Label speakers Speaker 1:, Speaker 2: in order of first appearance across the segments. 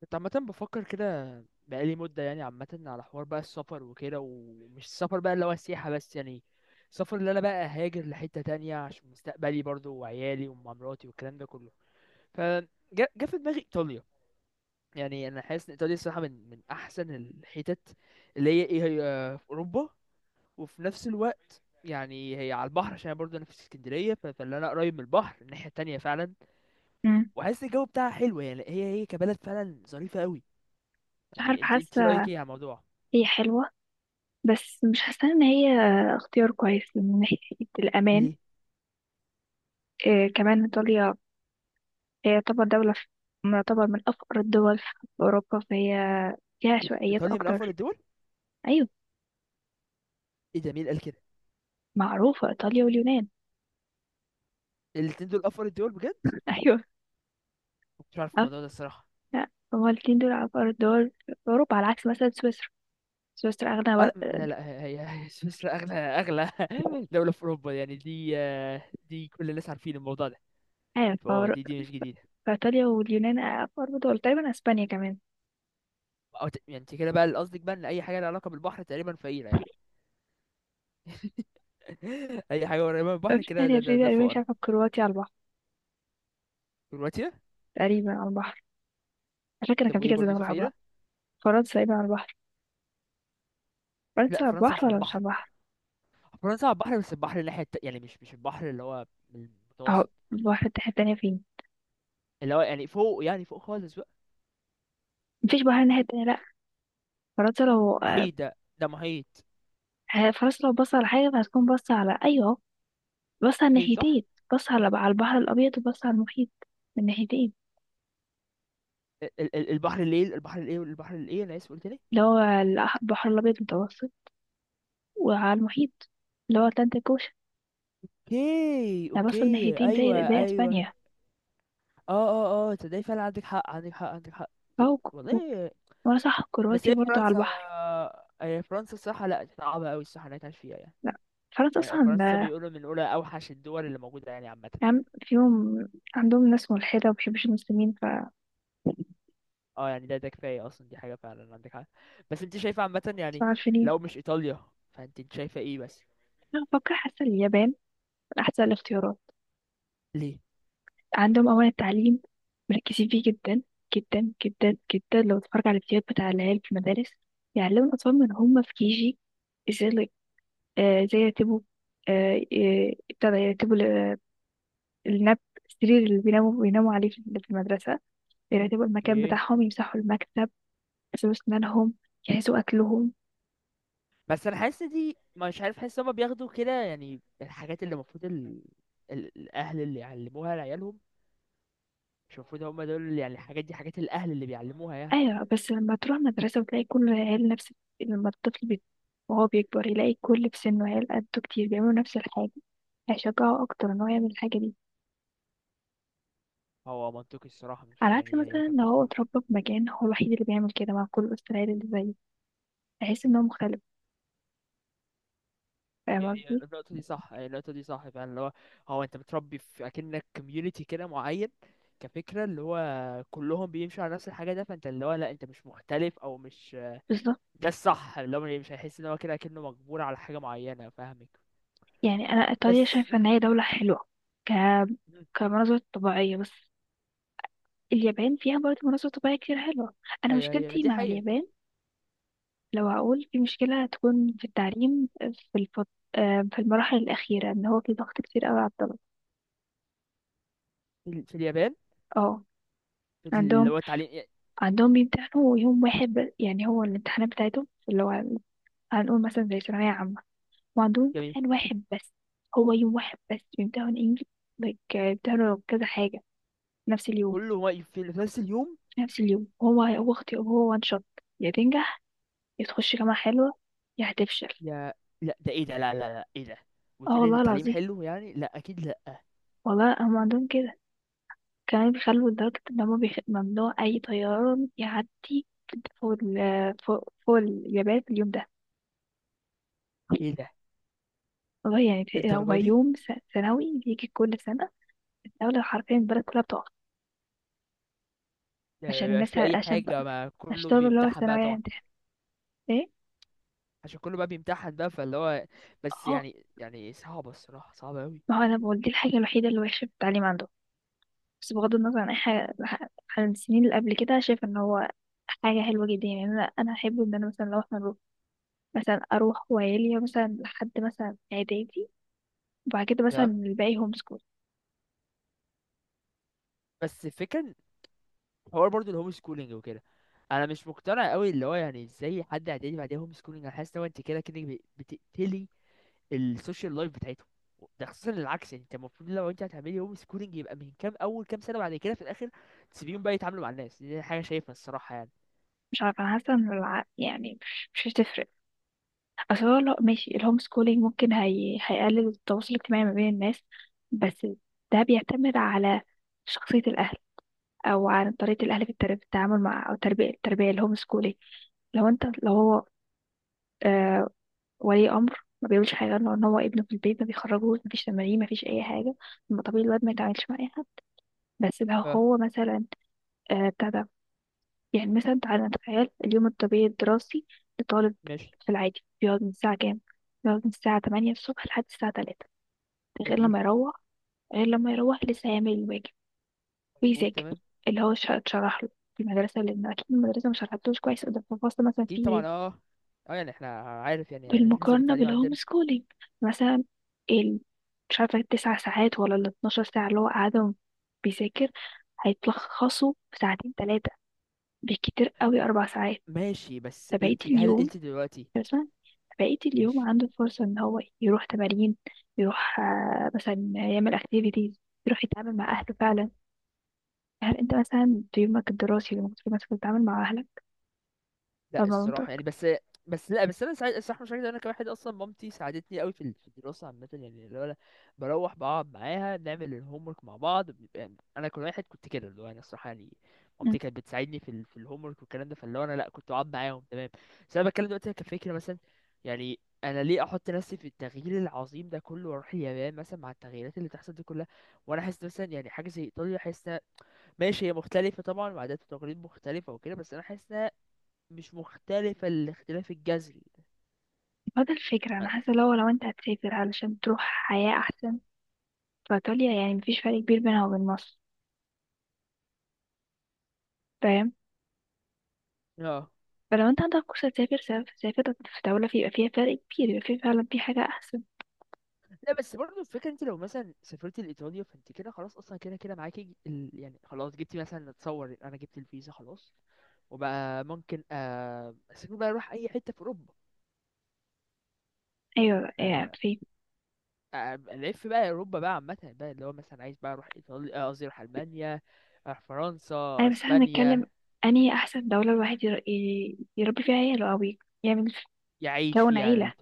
Speaker 1: كنت عامة بفكر كده بقالي مدة يعني عامة على حوار بقى السفر وكده، ومش السفر بقى اللي هو السياحة بس يعني. السفر اللي أنا بقى هاجر لحتة تانية عشان مستقبلي برضو وعيالي ومراتي والكلام ده كله. فجا في دماغي إيطاليا. يعني أنا حاسس إن إيطاليا الصراحة من أحسن الحتت اللي هي إيه، هي في أوروبا. وفي نفس الوقت يعني هي على البحر، عشان أنا برضو أنا في اسكندرية، فاللي أنا قريب من البحر الناحية التانية فعلا.
Speaker 2: مم.
Speaker 1: وحاسس الجو بتاعها حلو، يعني هي كبلد فعلا ظريفة أوي.
Speaker 2: مش
Speaker 1: يعني
Speaker 2: عارفة
Speaker 1: انت رايك
Speaker 2: حاسة.
Speaker 1: ايه على الموضوع؟
Speaker 2: هي حلوة، بس مش حاسة ان هي اختيار كويس من ناحية الأمان.
Speaker 1: ليه؟
Speaker 2: إيه كمان إيطاليا، هي طبعا دولة تعتبر من أفقر الدول في أوروبا، فهي فيها عشوائيات
Speaker 1: ايطاليا من افضل
Speaker 2: أكتر.
Speaker 1: الدول.
Speaker 2: أيوة،
Speaker 1: ايه ده، مين قال كده؟
Speaker 2: معروفة إيطاليا واليونان.
Speaker 1: الاتنين دول افضل الدول بجد.
Speaker 2: أيوة،
Speaker 1: ما كنتش عارف
Speaker 2: عارفة.
Speaker 1: الموضوع ده الصراحه.
Speaker 2: لا، هما الاتنين دول أفقر الدول في أوروبا، على عكس مثلا سويسرا. سويسرا أغنى
Speaker 1: اه، لا لا لا، هي سويسرا، اغلى دوله في اوروبا يعني دي، دي كل الناس عارفين الموضوع ده.
Speaker 2: آه،
Speaker 1: فاه
Speaker 2: فأور-
Speaker 1: دي مش جديده.
Speaker 2: فإيطاليا واليونان أفقر دول، تقريبا أسبانيا كمان.
Speaker 1: أو يعني انت كده بقى اللي قصدك بقى ان اي حاجه لها علاقه بالبحر تقريبا فقيره يعني. اي حاجه قريبه من البحر
Speaker 2: في
Speaker 1: كده
Speaker 2: تانية، في
Speaker 1: ده
Speaker 2: تقريبا مش
Speaker 1: فقره.
Speaker 2: عارفة كرواتيا على البحر،
Speaker 1: كرواتيا.
Speaker 2: تقريبا على البحر. على فكرة كان
Speaker 1: طب
Speaker 2: في
Speaker 1: وايه
Speaker 2: كذا
Speaker 1: برضو دي
Speaker 2: دولة على البحر.
Speaker 1: فقيره؟
Speaker 2: فرنسا ايه على البحر؟ فرنسا
Speaker 1: لا،
Speaker 2: على
Speaker 1: فرنسا مش
Speaker 2: البحر
Speaker 1: على
Speaker 2: ولا مش
Speaker 1: البحر.
Speaker 2: على البحر؟
Speaker 1: فرنسا على البحر، بس البحر الناحيه يعني مش البحر اللي هو
Speaker 2: اهو،
Speaker 1: المتوسط.
Speaker 2: البحر الناحية التانية فين؟
Speaker 1: اللي هو يعني فوق، يعني فوق خالص بقى.
Speaker 2: مفيش بحر الناحية التانية لأ. فرنسا لو
Speaker 1: محيط، ده محيط.
Speaker 2: فرنسا لو بص على حاجة، هتكون بص على أيوه، بص على
Speaker 1: محيط صح.
Speaker 2: الناحيتين. بص على البحر الأبيض، وبص على المحيط، من ناحيتين.
Speaker 1: البحر الايه، البحر الايه، البحر الايه، انا اسف قلت ليه؟
Speaker 2: اللي هو البحر الأبيض المتوسط وعلى المحيط، اللي هو أتلانتيك أوشن.
Speaker 1: اوكي
Speaker 2: ده بص من
Speaker 1: اوكي،
Speaker 2: ناحيتين،
Speaker 1: ايوه
Speaker 2: زي
Speaker 1: ايوه.
Speaker 2: أسبانيا.
Speaker 1: اه اه اه، تصدقي فعلا، عندك حق، عندك حق، عندك حق.
Speaker 2: أهو
Speaker 1: والله.
Speaker 2: وأنا صح،
Speaker 1: بس
Speaker 2: كرواتيا
Speaker 1: هي
Speaker 2: برضو على
Speaker 1: فرنسا،
Speaker 2: البحر.
Speaker 1: هي فرنسا الصراحه لا، صعبه قوي الصراحه انها تعيش فيها يعني.
Speaker 2: لأ، فرنسا أصلا
Speaker 1: فرنسا
Speaker 2: آه،
Speaker 1: بيقولوا من اولى اوحش الدول اللي موجوده يعني عامه.
Speaker 2: يعني فيهم، عندهم ناس ملحدة ومبيحبوش المسلمين ف
Speaker 1: اه يعني ده كفايه اصلا، دي حاجه فعلا عندك حق. بس انت شايفه عامه
Speaker 2: مش
Speaker 1: يعني؟
Speaker 2: عارفين.
Speaker 1: لو مش ايطاليا، فانت شايفه ايه بس؟
Speaker 2: أنا بفكر حاسة اليابان من أحسن الاختيارات.
Speaker 1: ليه؟
Speaker 2: عندهم أولا التعليم، مركزين فيه جدا، جدا جدا. لو تتفرج على الفيديوهات بتاع العيال في المدارس، يعلموا الأطفال من هم في كيجي، ازاي ال- ازاي يرتبوا، ابتدى يرتبوا ال- النب السرير اللي بيناموا عليه في المدرسة، يرتبوا المكان
Speaker 1: اوكي.
Speaker 2: بتاعهم، يمسحوا المكتب، يغسلوا أسنانهم، يجهزوا أكلهم.
Speaker 1: بس انا حاسس دي مش عارف، حاسس هما بياخدوا كده يعني الحاجات اللي المفروض الاهل اللي يعلموها لعيالهم. مش المفروض هما دول يعني الحاجات دي حاجات الاهل اللي بيعلموها يعني.
Speaker 2: ايوه، بس لما تروح مدرسة وتلاقي كل العيال نفس، لما وهو بيكبر يلاقي كل في سنه عيال قده كتير بيعملوا نفس الحاجة، هيشجعه أكتر إن هو يعمل الحاجة دي.
Speaker 1: هو منطقي الصراحه،
Speaker 2: على
Speaker 1: مش
Speaker 2: عكس
Speaker 1: يعني هي
Speaker 2: مثلا لو هو
Speaker 1: كفكره.
Speaker 2: اتربى في مكان هو الوحيد اللي بيعمل كده، مع كل وسط العيال اللي زيه هيحس إن هو مختلف. فاهم
Speaker 1: هي
Speaker 2: قصدي؟
Speaker 1: النقطه دي صح، هي النقطه دي صح فعلا اللي هو. هو انت بتربي في اكنك كوميونتي كده معين، كفكره اللي هو كلهم بيمشوا على نفس الحاجه، ده فانت اللي هو، لا انت مش مختلف او مش.
Speaker 2: بالظبط.
Speaker 1: ده الصح اللي هو، مش هيحس ان هو كده كأنه مجبور على حاجه معينه، فاهمك.
Speaker 2: يعني أنا
Speaker 1: بس
Speaker 2: إيطاليا شايفة إن هي دولة حلوة ك كمناظر طبيعية بس. اليابان فيها برضه مناظر طبيعية كتير حلوة. أنا
Speaker 1: هي
Speaker 2: مشكلتي
Speaker 1: دي
Speaker 2: مع
Speaker 1: حقيقة.
Speaker 2: اليابان، لو هقول في مشكلة هتكون في التعليم، في الفط... آه، في المراحل الأخيرة، إن هو في ضغط كتير أوي على الطلبة.
Speaker 1: في في اليابان.
Speaker 2: اه.
Speaker 1: في اللي
Speaker 2: عندهم
Speaker 1: هو التعليم.
Speaker 2: عندهم بيمتحنوا يوم واحد يعني هو الامتحانات بتاعتهم اللي هو، هنقول مثلا زي ثانوية عامة، وعندهم
Speaker 1: جميل.
Speaker 2: امتحان واحد بس. هو يوم واحد بس بيمتحنوا إنجلش، like بيمتحنوا كذا حاجة في نفس اليوم.
Speaker 1: كله واقف في نفس اليوم.
Speaker 2: في نفس اليوم، هو هو اختي هو وان شوت. يا تنجح، يا تخش جامعة حلوة، يا هتفشل.
Speaker 1: يا. لا، ده ايه ده، لا لا لا، ايه ده؟
Speaker 2: اه
Speaker 1: وتقولي ان
Speaker 2: والله
Speaker 1: التعليم
Speaker 2: العظيم،
Speaker 1: حلو يعني؟ لا اكيد لا.
Speaker 2: والله هم عندهم كده. كمان بيخلوا لدرجة إن هما ممنوع أي طيران يعدي فوق فوق اليابان في اليوم ده.
Speaker 1: ايه ده؟
Speaker 2: والله يعني هو
Speaker 1: للدرجه دي؟
Speaker 2: يوم سنوي بيجي كل سنة. الدولة حرفيا، البلد كلها بتقف
Speaker 1: ده ما
Speaker 2: عشان
Speaker 1: بيبقاش
Speaker 2: الناس
Speaker 1: في اي
Speaker 2: عشان
Speaker 1: حاجه،
Speaker 2: بقى،
Speaker 1: ما
Speaker 2: عشان
Speaker 1: كله
Speaker 2: طلبة اللي هو
Speaker 1: بيمتحن بقى
Speaker 2: الثانوية
Speaker 1: طبعا.
Speaker 2: هيمتحن. ايه؟
Speaker 1: عشان كله بقى بيمتحن بقى فاللي هو. بس
Speaker 2: اه،
Speaker 1: يعني صعبه الصراحه، صعبه قوي.
Speaker 2: ما هو أنا بقول دي الحاجة الوحيدة اللي وحشة في التعليم عنده. بس بغض النظر عن أي حاجة، عن السنين اللي قبل كده، شايفة إن هو حاجة حلوة جدا. يعني أنا أحب إن أنا مثلا لو إحنا نروح، مثلا أروح وعيلي مثلا لحد مثلا إعدادي، وبعد كده مثلا
Speaker 1: ده.
Speaker 2: الباقي هوم سكول.
Speaker 1: بس الفكره إن حوار برضو الهوم سكولينج وكده، انا مش مقتنع قوي اللي هو يعني ازاي حد اعدادي بعديها هوم سكولينج. انا حاسس ان هو انت كده كده بتقتلي السوشيال لايف بتاعتهم. ده خصوصا العكس يعني، انت المفروض لو انت هتعملي هوم سكولينج يبقى من كام، اول كام سنه بعد كده في الاخر تسيبيهم بقى يتعاملوا مع الناس، دي حاجه شايفها الصراحه يعني.
Speaker 2: مش عارفة، أنا حاسة إن يعني مش هتفرق. أصل هو لو ماشي الهوم سكولينج، ممكن هيقلل التواصل الاجتماعي ما بين الناس. بس ده بيعتمد على شخصية الأهل، أو على طريقة الأهل في في التعامل مع أو التربية الهوم سكولينج. لو أنت، لو هو آه ولي أمر ما بيقولش حاجة، لو إن هو ابنه في البيت ما بيخرجوش، مفيش تمارين مفيش أي حاجة، طب ما طبيعي الواد ما يتعاملش مع أي حد. بس لو
Speaker 1: اه
Speaker 2: هو مثلا آه بتاع ده، يعني مثلا تعالى نتخيل اليوم الطبيعي الدراسي لطالب.
Speaker 1: ماشي.
Speaker 2: في العادي بيقعد من الساعة كام؟ بيقعد من الساعة 8 الصبح لحد الساعة 3. غير
Speaker 1: جميل.
Speaker 2: لما يروح، غير لما يروح لسه هيعمل الواجب
Speaker 1: مظبوط
Speaker 2: ويذاكر
Speaker 1: تمام.
Speaker 2: اللي هو اتشرح له في المدرسة، لأن أكيد المدرسة مش شرحتلوش كويس ده في الفصل. مثلا
Speaker 1: اكيد
Speaker 2: فيه إيه؟
Speaker 1: طبعا، اه. اه يعني احنا عارف، يعني لازم
Speaker 2: بالمقارنة
Speaker 1: التعليم
Speaker 2: بالهوم
Speaker 1: عندنا.
Speaker 2: سكولينج مثلا، ال... مش عارفة التسع ساعات ولا ال 12 ساعة اللي هو قاعدهم بيذاكر، هيتلخصوا في ساعتين تلاتة، بالكتير قوي أربع ساعات.
Speaker 1: ماشي، بس
Speaker 2: فبقية
Speaker 1: انت هل
Speaker 2: اليوم
Speaker 1: انت دلوقتي.
Speaker 2: مثلا، بقية اليوم
Speaker 1: ماشي.
Speaker 2: عنده فرصة ان هو يروح تمارين، يروح آه، مثلا يعمل اكتيفيتيز، يروح يتعامل مع اهله فعلا. هل انت مثلا في يومك الدراسي اللي المفروض مثلا تتعامل مع اهلك او
Speaker 1: لا
Speaker 2: مع
Speaker 1: الصراحه يعني
Speaker 2: مامتك؟
Speaker 1: بس. بس لا، انا ساعد الصراحه مش عايز، انا كواحد اصلا مامتي ساعدتني قوي في في الدراسه عامه يعني، اللي هو أنا بروح بقعد معاها بنعمل الهوم ورك مع بعض بيبقى، يعني انا كل واحد كنت كده اللي هو انا الصراحه يعني،
Speaker 2: مم.
Speaker 1: مامتي كانت بتساعدني في في الهوم ورك والكلام ده، فاللي هو انا لا كنت بقعد معاهم تمام. بس انا بتكلم دلوقتي كفكره مثلا، يعني انا ليه احط نفسي في التغيير العظيم ده كله واروح اليابان مثلا مع التغييرات اللي تحصل دي كلها. وانا حاسس مثلا يعني حاجه زي ايطاليا، حاسس ماشي هي مختلفه طبعا وعادات وتقاليد مختلفه وكده، بس انا حاسس مش مختلفة الاختلاف الجذري.
Speaker 2: فده الفكرة، انا حاسة لو، لو انت هتسافر علشان تروح حياة احسن، فايطاليا يعني مفيش فرق كبير بينها وبين مصر. فاهم؟
Speaker 1: اه.
Speaker 2: فلو انت عندك فرصة تسافر، سافر، سافر في دولة يبقى فيها فرق كبير، يبقى فيه فعلا في حاجة احسن.
Speaker 1: لا بس برضه الفكرة، انت لو مثلا سافرت لإيطاليا فانت كده خلاص اصلا كده كده معاكي يعني خلاص جبتي، مثلا اتصور انا جبت الفيزا خلاص. وبقى ممكن اسافر بقى، اروح اي حتة في اوروبا.
Speaker 2: ايوه،
Speaker 1: ف
Speaker 2: يعني في،
Speaker 1: الف بقى اوروبا بقى عامة بقى، اللي هو مثلا عايز بقى اروح ايطاليا، قصدي اروح المانيا، اروح فرنسا،
Speaker 2: أي بس احنا بنتكلم
Speaker 1: اسبانيا.
Speaker 2: أنهي أحسن دولة الواحد يربي فيها عياله، أو يعمل،
Speaker 1: يعيش
Speaker 2: يكون عيلة.
Speaker 1: فيها.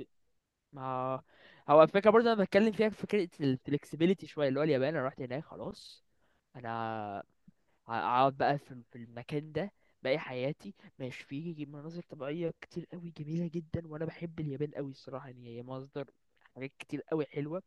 Speaker 1: ما هو الفكرة برضه أنا بتكلم فيها في فكرة الفلكسبيليتي شوية، اللي هو اليابان أنا رحت هناك خلاص. أنا هقعد بقى في المكان ده باقي حياتي. ماشي فيه مناظر طبيعية كتير قوي جميلة جدا، وأنا بحب اليابان قوي الصراحة يعني، هي مصدر حاجات كتير قوي حلوة،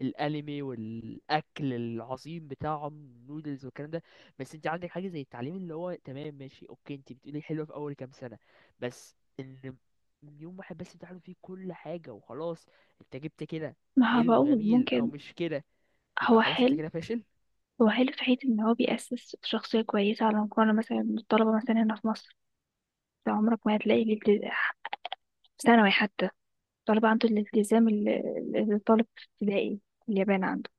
Speaker 1: الانمي والاكل العظيم بتاعهم نودلز والكلام ده. بس انت عندك حاجه زي التعليم اللي هو تمام ماشي اوكي، انت بتقولي حلوه في اول كام سنه، بس ان يوم واحد بس بتعلم فيه كل حاجه وخلاص، انت جبت كده
Speaker 2: ما هو
Speaker 1: حلو
Speaker 2: بقول
Speaker 1: جميل او
Speaker 2: ممكن.
Speaker 1: مش كده؟ يبقى
Speaker 2: هو
Speaker 1: خلاص انت
Speaker 2: حلو،
Speaker 1: كده فاشل.
Speaker 2: هو حلو في حيث إن هو بيأسس شخصية كويسة على مقارنة مثلا بالطلبة مثلا هنا في مصر. أنت عمرك ما هتلاقي الالتزام في ثانوي حتى، الطلبة عنده الالتزام اللي، اللي الطالب في ابتدائي في اليابان عنده.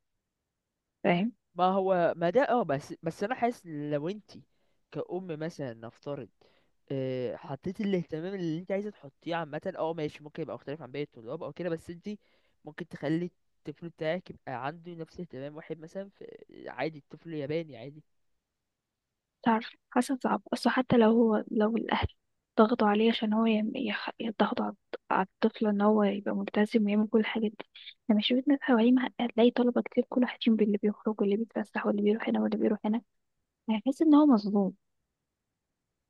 Speaker 2: فاهم؟
Speaker 1: ما هو ما ده اه، بس انا حاسس إن لو انت كأم مثلا نفترض، حطيتي الاهتمام اللي انت عايزه تحطيه عامه، اه ماشي، ممكن يبقى مختلف عن باقي الطلاب او كده، بس انت ممكن تخلي الطفل بتاعك يبقى عنده نفس اهتمام واحد مثلا في عادي الطفل ياباني عادي.
Speaker 2: تعرف حاسة صعب، أصل حتى لو هو لو الأهل ضغطوا عليه عشان هو يضغطوا على على الطفل إن هو يبقى ملتزم ويعمل كل الحاجات دي، لما شفت ناس حواليه هتلاقي طلبة كتير كل واحد فيهم باللي بيخرج واللي بيتفسح واللي بيروح هنا واللي بيروح هنا، يعني هيحس إن هو مظلوم.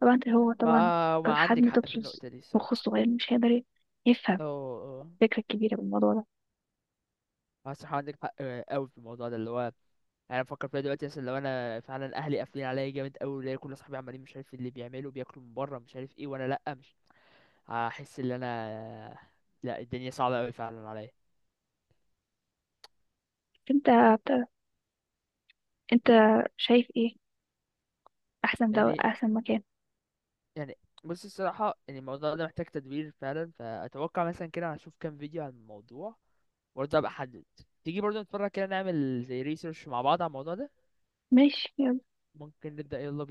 Speaker 2: طبعا هو
Speaker 1: ما
Speaker 2: طبعا
Speaker 1: ما عندك
Speaker 2: كحجم
Speaker 1: حق في
Speaker 2: طفل
Speaker 1: النقطه دي
Speaker 2: مخه
Speaker 1: الصراحه.
Speaker 2: صغير مش هيقدر يفهم
Speaker 1: اه اه.
Speaker 2: الفكرة الكبيرة بالموضوع ده.
Speaker 1: الصراحه عندك حق قوي في الموضوع ده، اللي هو انا بفكر فيها دلوقتي، مثلا لو انا فعلا اهلي قافلين عليا جامد قوي، ولاقي كل اصحابي عمالين مش عارف اللي بيعملوا، بياكلوا من بره مش عارف ايه، وانا لا مش، هحس ان انا، لا الدنيا صعبة قوي فعلا عليا.
Speaker 2: أنت أنت شايف إيه أحسن، ده
Speaker 1: يعني،
Speaker 2: أحسن مكان؟
Speaker 1: يعني بص الصراحة يعني الموضوع ده محتاج تدبير فعلا، فأتوقع مثلا كده هشوف كام فيديو عن الموضوع، وبرضه أبقى أحدد. تيجي برضه نتفرج كده، نعمل زي ريسيرش مع بعض على الموضوع ده.
Speaker 2: ماشي.
Speaker 1: ممكن نبدأ، يلا بينا.